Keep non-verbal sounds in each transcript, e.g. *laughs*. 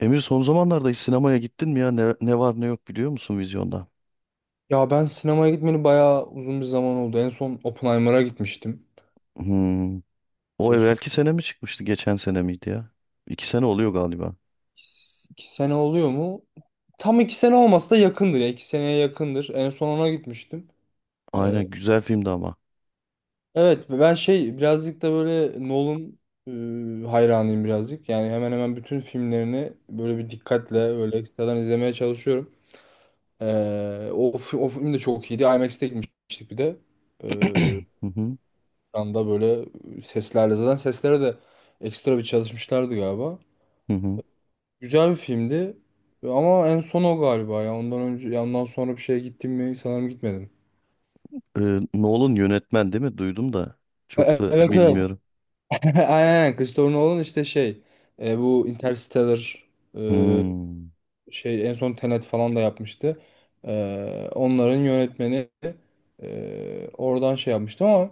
Emir son zamanlarda hiç sinemaya gittin mi ya? Ne var ne yok biliyor musun vizyonda? Ya ben sinemaya gitmeli bayağı uzun bir zaman oldu. En son Oppenheimer'a gitmiştim. Hmm. O Son evvelki sene mi çıkmıştı? Geçen sene miydi ya? 2 sene oluyor galiba. iki sene oluyor mu? Tam iki sene olmasa da yakındır ya. İki seneye yakındır. En son ona gitmiştim. E, Aynen, güzel filmdi ama. evet ben şey birazcık da böyle Nolan hayranıyım birazcık. Yani hemen hemen bütün filmlerini böyle bir dikkatle böyle ekstradan izlemeye çalışıyorum. E, O film de çok iyiydi. IMAX'te gitmiştik bir de. Ee, *clears throat* Hı hı, Şu anda böyle seslerle zaten seslere de ekstra bir çalışmışlardı galiba. hı hı. Güzel bir filmdi ama en son o galiba ya ondan önce ya ondan sonra bir şeye gittim mi sanırım gitmedim. Nolan yönetmen değil mi? Duydum da çok da Evet evet. bilmiyorum. *laughs* Aynen aynen. Christopher Nolan işte şey bu Interstellar e, Hmm. şey en son Tenet falan da yapmıştı. Onların yönetmeni oradan şey yapmıştı ama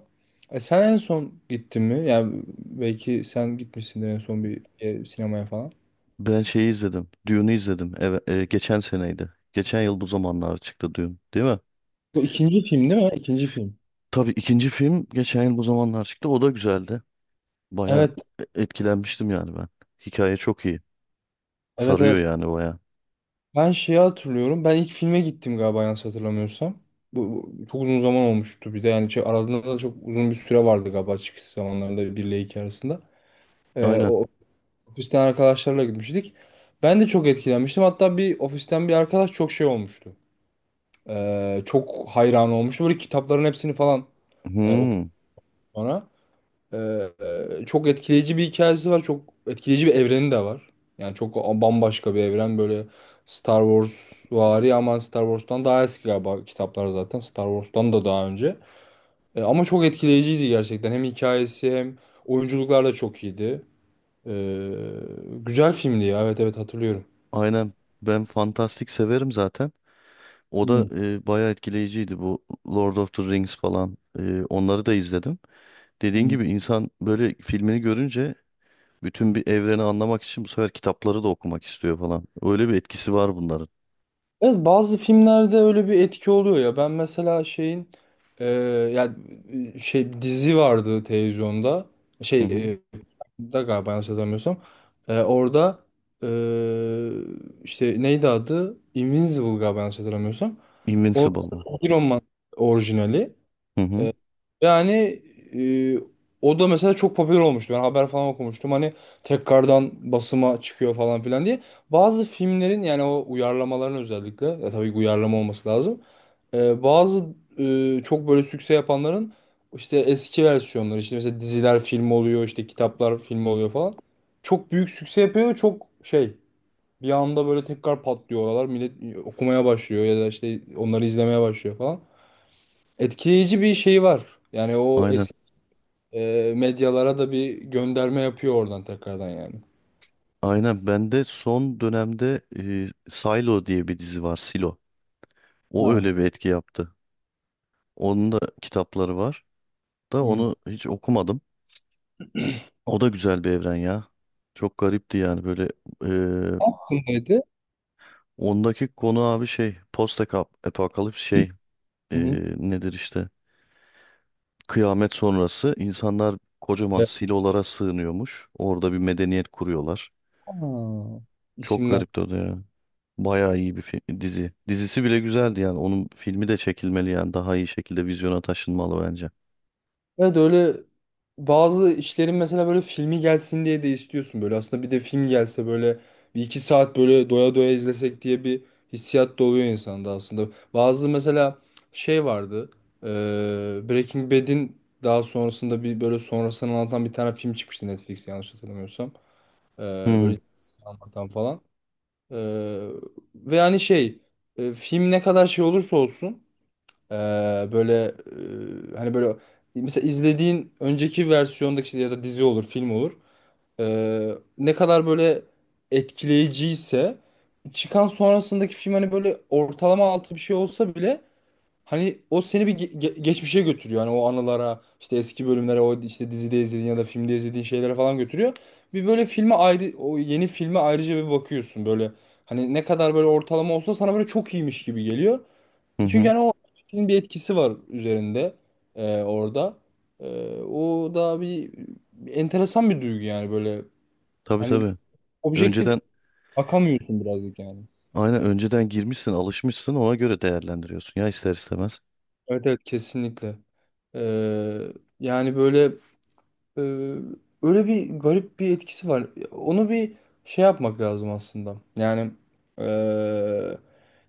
sen en son gittin mi? Yani belki sen gitmişsindir en son bir sinemaya falan. Ben şeyi izledim. Dune'u izledim. Evet, geçen seneydi. Geçen yıl bu zamanlar çıktı Dune, değil mi? Bu ikinci film değil mi? İkinci film. Tabii, ikinci film geçen yıl bu zamanlar çıktı. O da güzeldi. Baya Evet, etkilenmiştim yani ben. Hikaye çok iyi. evet, Sarıyor evet. yani baya. Ben şeyi hatırlıyorum. Ben ilk filme gittim galiba yanlış hatırlamıyorsam. Bu çok uzun zaman olmuştu bir de yani şey, aralarında da çok uzun bir süre vardı galiba çıkış zamanlarında 1 ile 2 arasında. Aynen. O ofisten arkadaşlarla gitmiştik. Ben de çok etkilenmiştim. Hatta bir ofisten bir arkadaş çok şey olmuştu. Çok hayran olmuştu. Böyle kitapların hepsini falan okudu Hmm, sonra. Çok etkileyici bir hikayesi var. Çok etkileyici bir evreni de var. Yani çok bambaşka bir evren böyle Star Wars vari ama Star Wars'tan daha eski galiba kitaplar zaten. Star Wars'tan da daha önce. Ama çok etkileyiciydi gerçekten. Hem hikayesi hem oyunculuklar da çok iyiydi. Ee, Güzel filmdi ya. Evet evet hatırlıyorum. aynen. Ben fantastik severim zaten. O da Hmm, bayağı etkileyiciydi bu Lord of the Rings falan. Onları da izledim. Dediğin hmm. gibi insan böyle filmini görünce bütün bir evreni anlamak için bu sefer kitapları da okumak istiyor falan. Öyle bir etkisi var bunların. Evet, bazı filmlerde öyle bir etki oluyor ya. Ben mesela şeyin e, ya şey dizi vardı televizyonda. Hı hı. Şey da galiba yanlış hatırlamıyorsam. Orada e, işte neydi adı? Invincible galiba yanlış hatırlamıyorsam. O Invincible mı? Iron Man orijinali. Hı hı. Yani e, o da mesela çok popüler olmuştu. Ben haber falan okumuştum. Hani tekrardan basıma çıkıyor falan filan diye. Bazı filmlerin yani o uyarlamaların özellikle ya tabii ki uyarlama olması lazım. Bazı çok böyle sükse yapanların işte eski versiyonları işte mesela diziler film oluyor işte kitaplar film oluyor falan. Çok büyük sükse yapıyor çok şey bir anda böyle tekrar patlıyor oralar. Millet okumaya başlıyor ya da işte onları izlemeye başlıyor falan etkileyici bir şey var. Yani o Aynen. Medyalara da bir gönderme yapıyor oradan tekrardan yani. Aynen. Ben de son dönemde Silo diye bir dizi var. Silo. O Ha. öyle bir etki yaptı. Onun da kitapları var. Da Hı. Ne onu hiç okumadım. O da güzel bir evren ya. Çok garipti yani böyle, e, hakkındaydı. ondaki konu abi şey post apokalips şey e, Hı hı. nedir işte kıyamet sonrası insanlar kocaman Evet. silolara sığınıyormuş. Orada bir medeniyet kuruyorlar. Ha, Çok isimler. garipti o da ya. Bayağı iyi bir dizi. Dizisi bile güzeldi yani. Onun filmi de çekilmeli yani. Daha iyi şekilde vizyona taşınmalı bence. Evet öyle bazı işlerin mesela böyle filmi gelsin diye de istiyorsun böyle. Aslında bir de film gelse böyle bir iki saat böyle doya doya izlesek diye bir hissiyat da oluyor insanda aslında. Bazı mesela şey vardı. e, Breaking Bad'in daha sonrasında bir böyle sonrasını anlatan bir tane film çıkmıştı Netflix'te yanlış hatırlamıyorsam. E, Hı Böyle anlatan falan. Ee, Ve hani şey film ne kadar şey olursa olsun e, böyle hani böyle mesela izlediğin önceki versiyondaki şey ya da dizi olur film olur. E, Ne kadar böyle etkileyiciyse çıkan sonrasındaki film hani böyle ortalama altı bir şey olsa bile hani o seni bir geçmişe götürüyor. Hani o anılara, işte eski bölümlere, o işte dizide izlediğin ya da filmde izlediğin şeylere falan götürüyor. Bir böyle filme ayrı, o yeni filme ayrıca bir bakıyorsun böyle. Hani ne kadar böyle ortalama olsa sana böyle çok iyiymiş gibi geliyor. hı Çünkü hı. hani o filmin bir etkisi var üzerinde orada. O da bir enteresan bir duygu yani böyle. Tabii Hani tabii. objektif Önceden bakamıyorsun birazcık yani. Aynen, önceden girmişsin, alışmışsın, ona göre değerlendiriyorsun ya ister istemez. Evet evet kesinlikle. E, Yani böyle Ee, öyle bir garip bir etkisi var. Onu bir şey yapmak lazım aslında. Yani ee,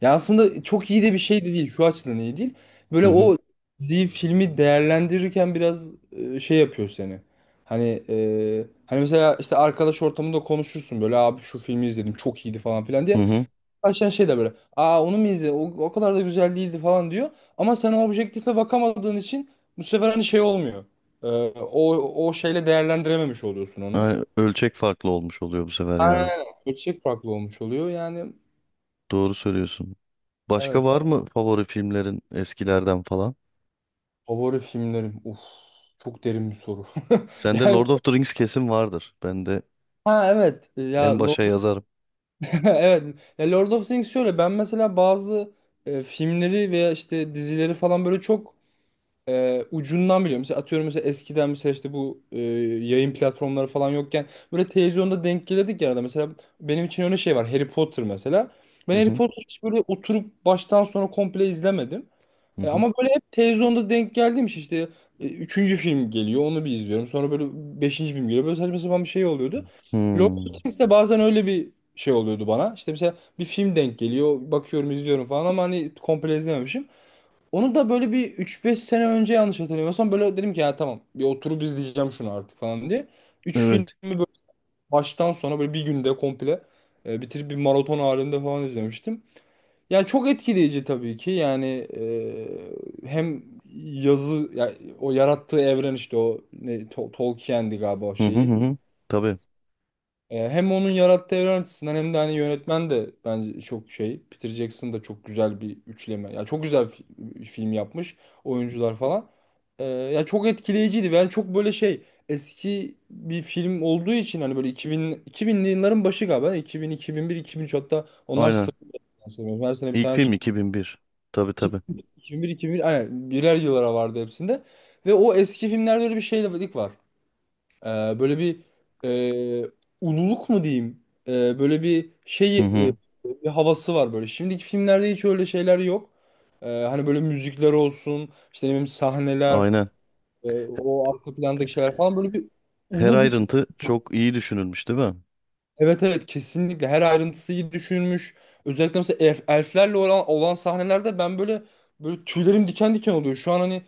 ya aslında çok iyi de bir şey de değil. Şu açıdan iyi değil. Hı Böyle hı. o diziyi, filmi değerlendirirken biraz şey yapıyor seni. Hani hani mesela işte arkadaş ortamında konuşursun böyle abi şu filmi izledim çok iyiydi falan filan Hı diye hı. başlayan şey de böyle. Aa onu mu izledin? O kadar da güzel değildi falan diyor. Ama sen o objektife bakamadığın için bu sefer hani şey olmuyor. Ee, o, o şeyle değerlendirememiş oluyorsun onu. Yani ölçek farklı olmuş oluyor bu sefer Aynen. yani. Öyle. Ölçek farklı olmuş oluyor. Yani Doğru söylüyorsun. evet. Başka var mı favori filmlerin eskilerden falan? Favori filmlerim. Uf. Çok derin bir soru. *laughs* Sende Yani Lord of the Rings kesin vardır. Ben de ha evet. Ya en Lord, başa *laughs* yazarım. evet. Ya Lord of the Rings şöyle. Ben mesela bazı filmleri veya işte dizileri falan böyle çok ucundan biliyorum. Mesela atıyorum mesela eskiden mesela işte bu yayın platformları falan yokken böyle televizyonda denk gelirdik ya arada. Mesela benim için öyle şey var. Harry Potter mesela. Ben Hı Harry hı. Potter hiç böyle oturup baştan sona komple izlemedim. Hı hı. Ama böyle hep televizyonda denk geldiğim şey işte üçüncü film geliyor onu bir izliyorum. Sonra böyle beşinci film geliyor. Böyle saçma sapan bir şey oluyordu. Lord of the Hmm. Rings de bazen öyle bir şey oluyordu bana. İşte mesela bir film denk geliyor. Bakıyorum izliyorum falan ama hani komple izlememişim. Onu da böyle bir üç beş sene önce yanlış hatırlamıyorsam böyle dedim ki ya tamam bir oturup izleyeceğim şunu artık falan diye. Üç filmi Evet. böyle baştan sona böyle bir günde komple bitirip bir maraton halinde falan izlemiştim. Yani çok etkileyici tabii ki yani hem yazı ya, o yarattığı evren işte o ne, Tolkien'di galiba o Hı hı hı. şeyi Hı. Tabii. Hem onun yarattığı evren açısından hem de hani yönetmen de bence çok şey. Peter Jackson da çok güzel bir üçleme. Ya çok güzel film yapmış. Oyuncular falan. Ya çok etkileyiciydi. Yani çok böyle şey eski bir film olduğu için hani böyle 2000 2000'li yılların başı galiba. 2000, 2001, 2003 hatta onlar Aynen. sıralanan sanırım. Her sene bir İlk tane film çıktı. 2001. Tabii tabii. 2001, 2001 aynen birer yıllara vardı hepsinde. Ve o eski filmlerde öyle bir şeylik var. Ee, Böyle bir e, ululuk mu diyeyim? Böyle bir şey Hı hı. bir havası var böyle. Şimdiki filmlerde hiç öyle şeyler yok. Hani böyle müzikler olsun, işte ne bileyim sahneler, Aynen. O arka plandaki şeyler falan böyle bir Her ulu bir. ayrıntı çok iyi düşünülmüş değil mi? Evet evet kesinlikle her ayrıntısı iyi düşünülmüş. Özellikle mesela elflerle olan sahnelerde ben böyle böyle tüylerim diken diken oluyor. Şu an hani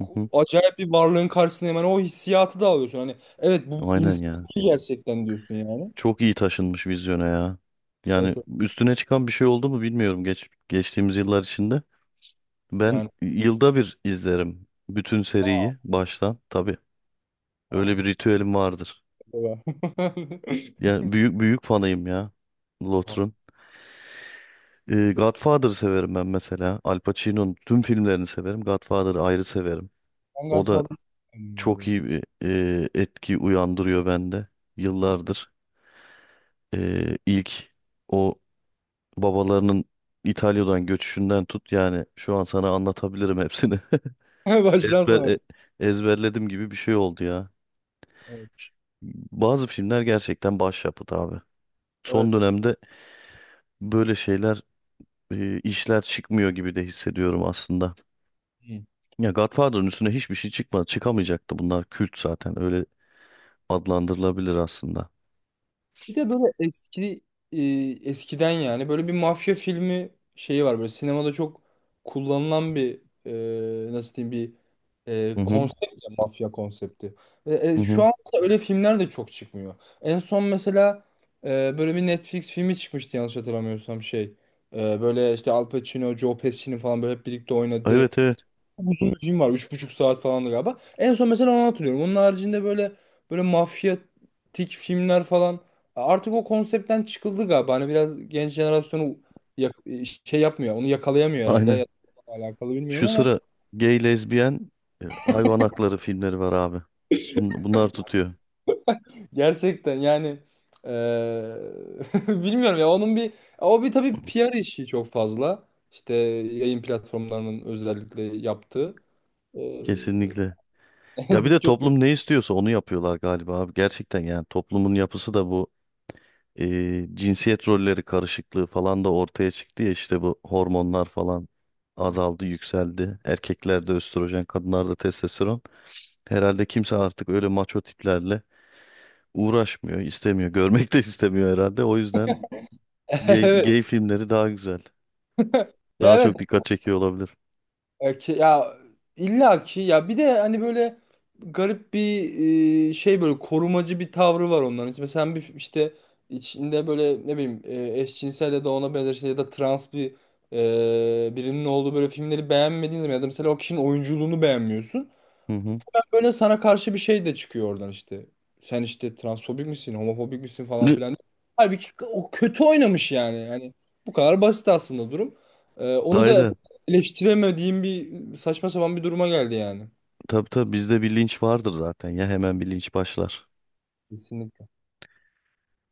Hı hı. acayip bir varlığın karşısında hemen o hissiyatı da alıyorsun. Hani evet bu Aynen insan ya. gerçekten diyorsun yani. Çok iyi taşınmış vizyona ya. Yani Evet evet. üstüne çıkan bir şey oldu mu bilmiyorum geçtiğimiz yıllar içinde. Ben Yani. yılda bir izlerim bütün seriyi baştan tabii. Aa, Öyle bir ritüelim vardır. mesela. *laughs* Yani büyük büyük fanıyım ya Lotr'un. Godfather'ı severim ben mesela. Al Pacino'nun tüm filmlerini severim. Godfather'ı ayrı severim. Ben O da Godfather'ı sevmedim ya çok bu. iyi bir etki uyandırıyor bende yıllardır. İlk o babalarının İtalya'dan göçüşünden tut yani şu an sana anlatabilirim hepsini. *laughs* *laughs* Baştan Ezber e- sona. Ezberledim gibi bir şey oldu ya. Evet. Ş- Bazı filmler gerçekten başyapıt abi. Evet. Son dönemde böyle işler çıkmıyor gibi de hissediyorum aslında. Ya Godfather'ın üstüne hiçbir şey çıkmadı. Çıkamayacaktı, bunlar kült zaten. Öyle adlandırılabilir aslında. Bir de böyle eski e, eskiden yani böyle bir mafya filmi şeyi var böyle sinemada çok kullanılan bir nasıl diyeyim bir Hı hı, konsept ya, mafya konsepti. Hı Şu hı. an öyle filmler de çok çıkmıyor. En son mesela e, böyle bir Netflix filmi çıkmıştı yanlış hatırlamıyorsam şey. Böyle işte Al Pacino, Joe Pesci falan böyle hep birlikte oynadı. Evet evet. Çok uzun bir film var. 3,5 saat falandı galiba. En son mesela onu hatırlıyorum. Onun haricinde böyle böyle mafyatik filmler falan. Artık o konseptten çıkıldı galiba. Hani biraz genç jenerasyonu yak- şey yapmıyor. Onu yakalayamıyor herhalde. Aynen. Ya da alakalı bilmiyorum Şu ama sıra gay, lezbiyen, hayvan hakları filmleri var abi. Bunlar tutuyor. gerçekten yani eee, *laughs* bilmiyorum ya onun bir o bir tabii PR işi çok fazla. İşte yayın platformlarının özellikle yaptığı. Eee, *laughs* Kesinlikle. Ne Ya bir yazık de ki. toplum ne istiyorsa onu yapıyorlar galiba abi. Gerçekten yani toplumun yapısı da bu cinsiyet rolleri karışıklığı falan da ortaya çıktı ya işte bu hormonlar falan azaldı, yükseldi. Erkeklerde östrojen, kadınlarda testosteron. Herhalde kimse artık öyle maço tiplerle uğraşmıyor, istemiyor, *laughs* görmek de istemiyor herhalde. O yüzden *laughs* gay, Evet. gay filmleri daha güzel. Ya Daha evet. çok dikkat çekiyor olabilir. Ya illa ki ya bir de hani böyle garip bir şey böyle korumacı bir tavrı var onların. İşte mesela bir işte içinde böyle ne bileyim eşcinsel ya da ona benzer şey ya da trans bir birinin olduğu böyle filmleri beğenmediğin zaman ya da mesela o kişinin oyunculuğunu beğenmiyorsun. Hı hı. Böyle sana karşı bir şey de çıkıyor oradan işte. Sen işte transfobik misin, homofobik misin falan Ü, filan. Halbuki o kötü oynamış yani. Yani bu kadar basit aslında durum. Onu da Aynen. eleştiremediğim bir saçma sapan bir duruma geldi yani. Tabii tabii, bizde bir linç vardır zaten ya, hemen bir linç başlar. Kesinlikle.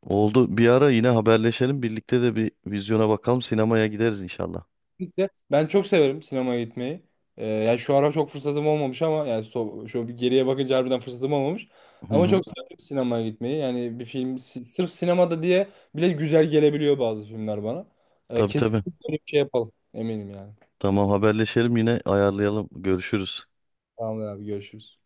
Oldu. Bir ara yine haberleşelim. Birlikte de bir vizyona bakalım. Sinemaya gideriz inşallah. Kesinlikle. Ben çok severim sinemaya gitmeyi. Yani şu ara çok fırsatım olmamış ama yani şu bir geriye bakınca harbiden fırsatım olmamış. Hı Ama hı. çok severim sinemaya gitmeyi. Yani bir film sırf sinemada diye bile güzel gelebiliyor bazı filmler bana. Tabii tabii. Kesinlikle öyle bir şey yapalım. Eminim yani. Tamam, haberleşelim yine, ayarlayalım. Görüşürüz. Tamamdır abi görüşürüz.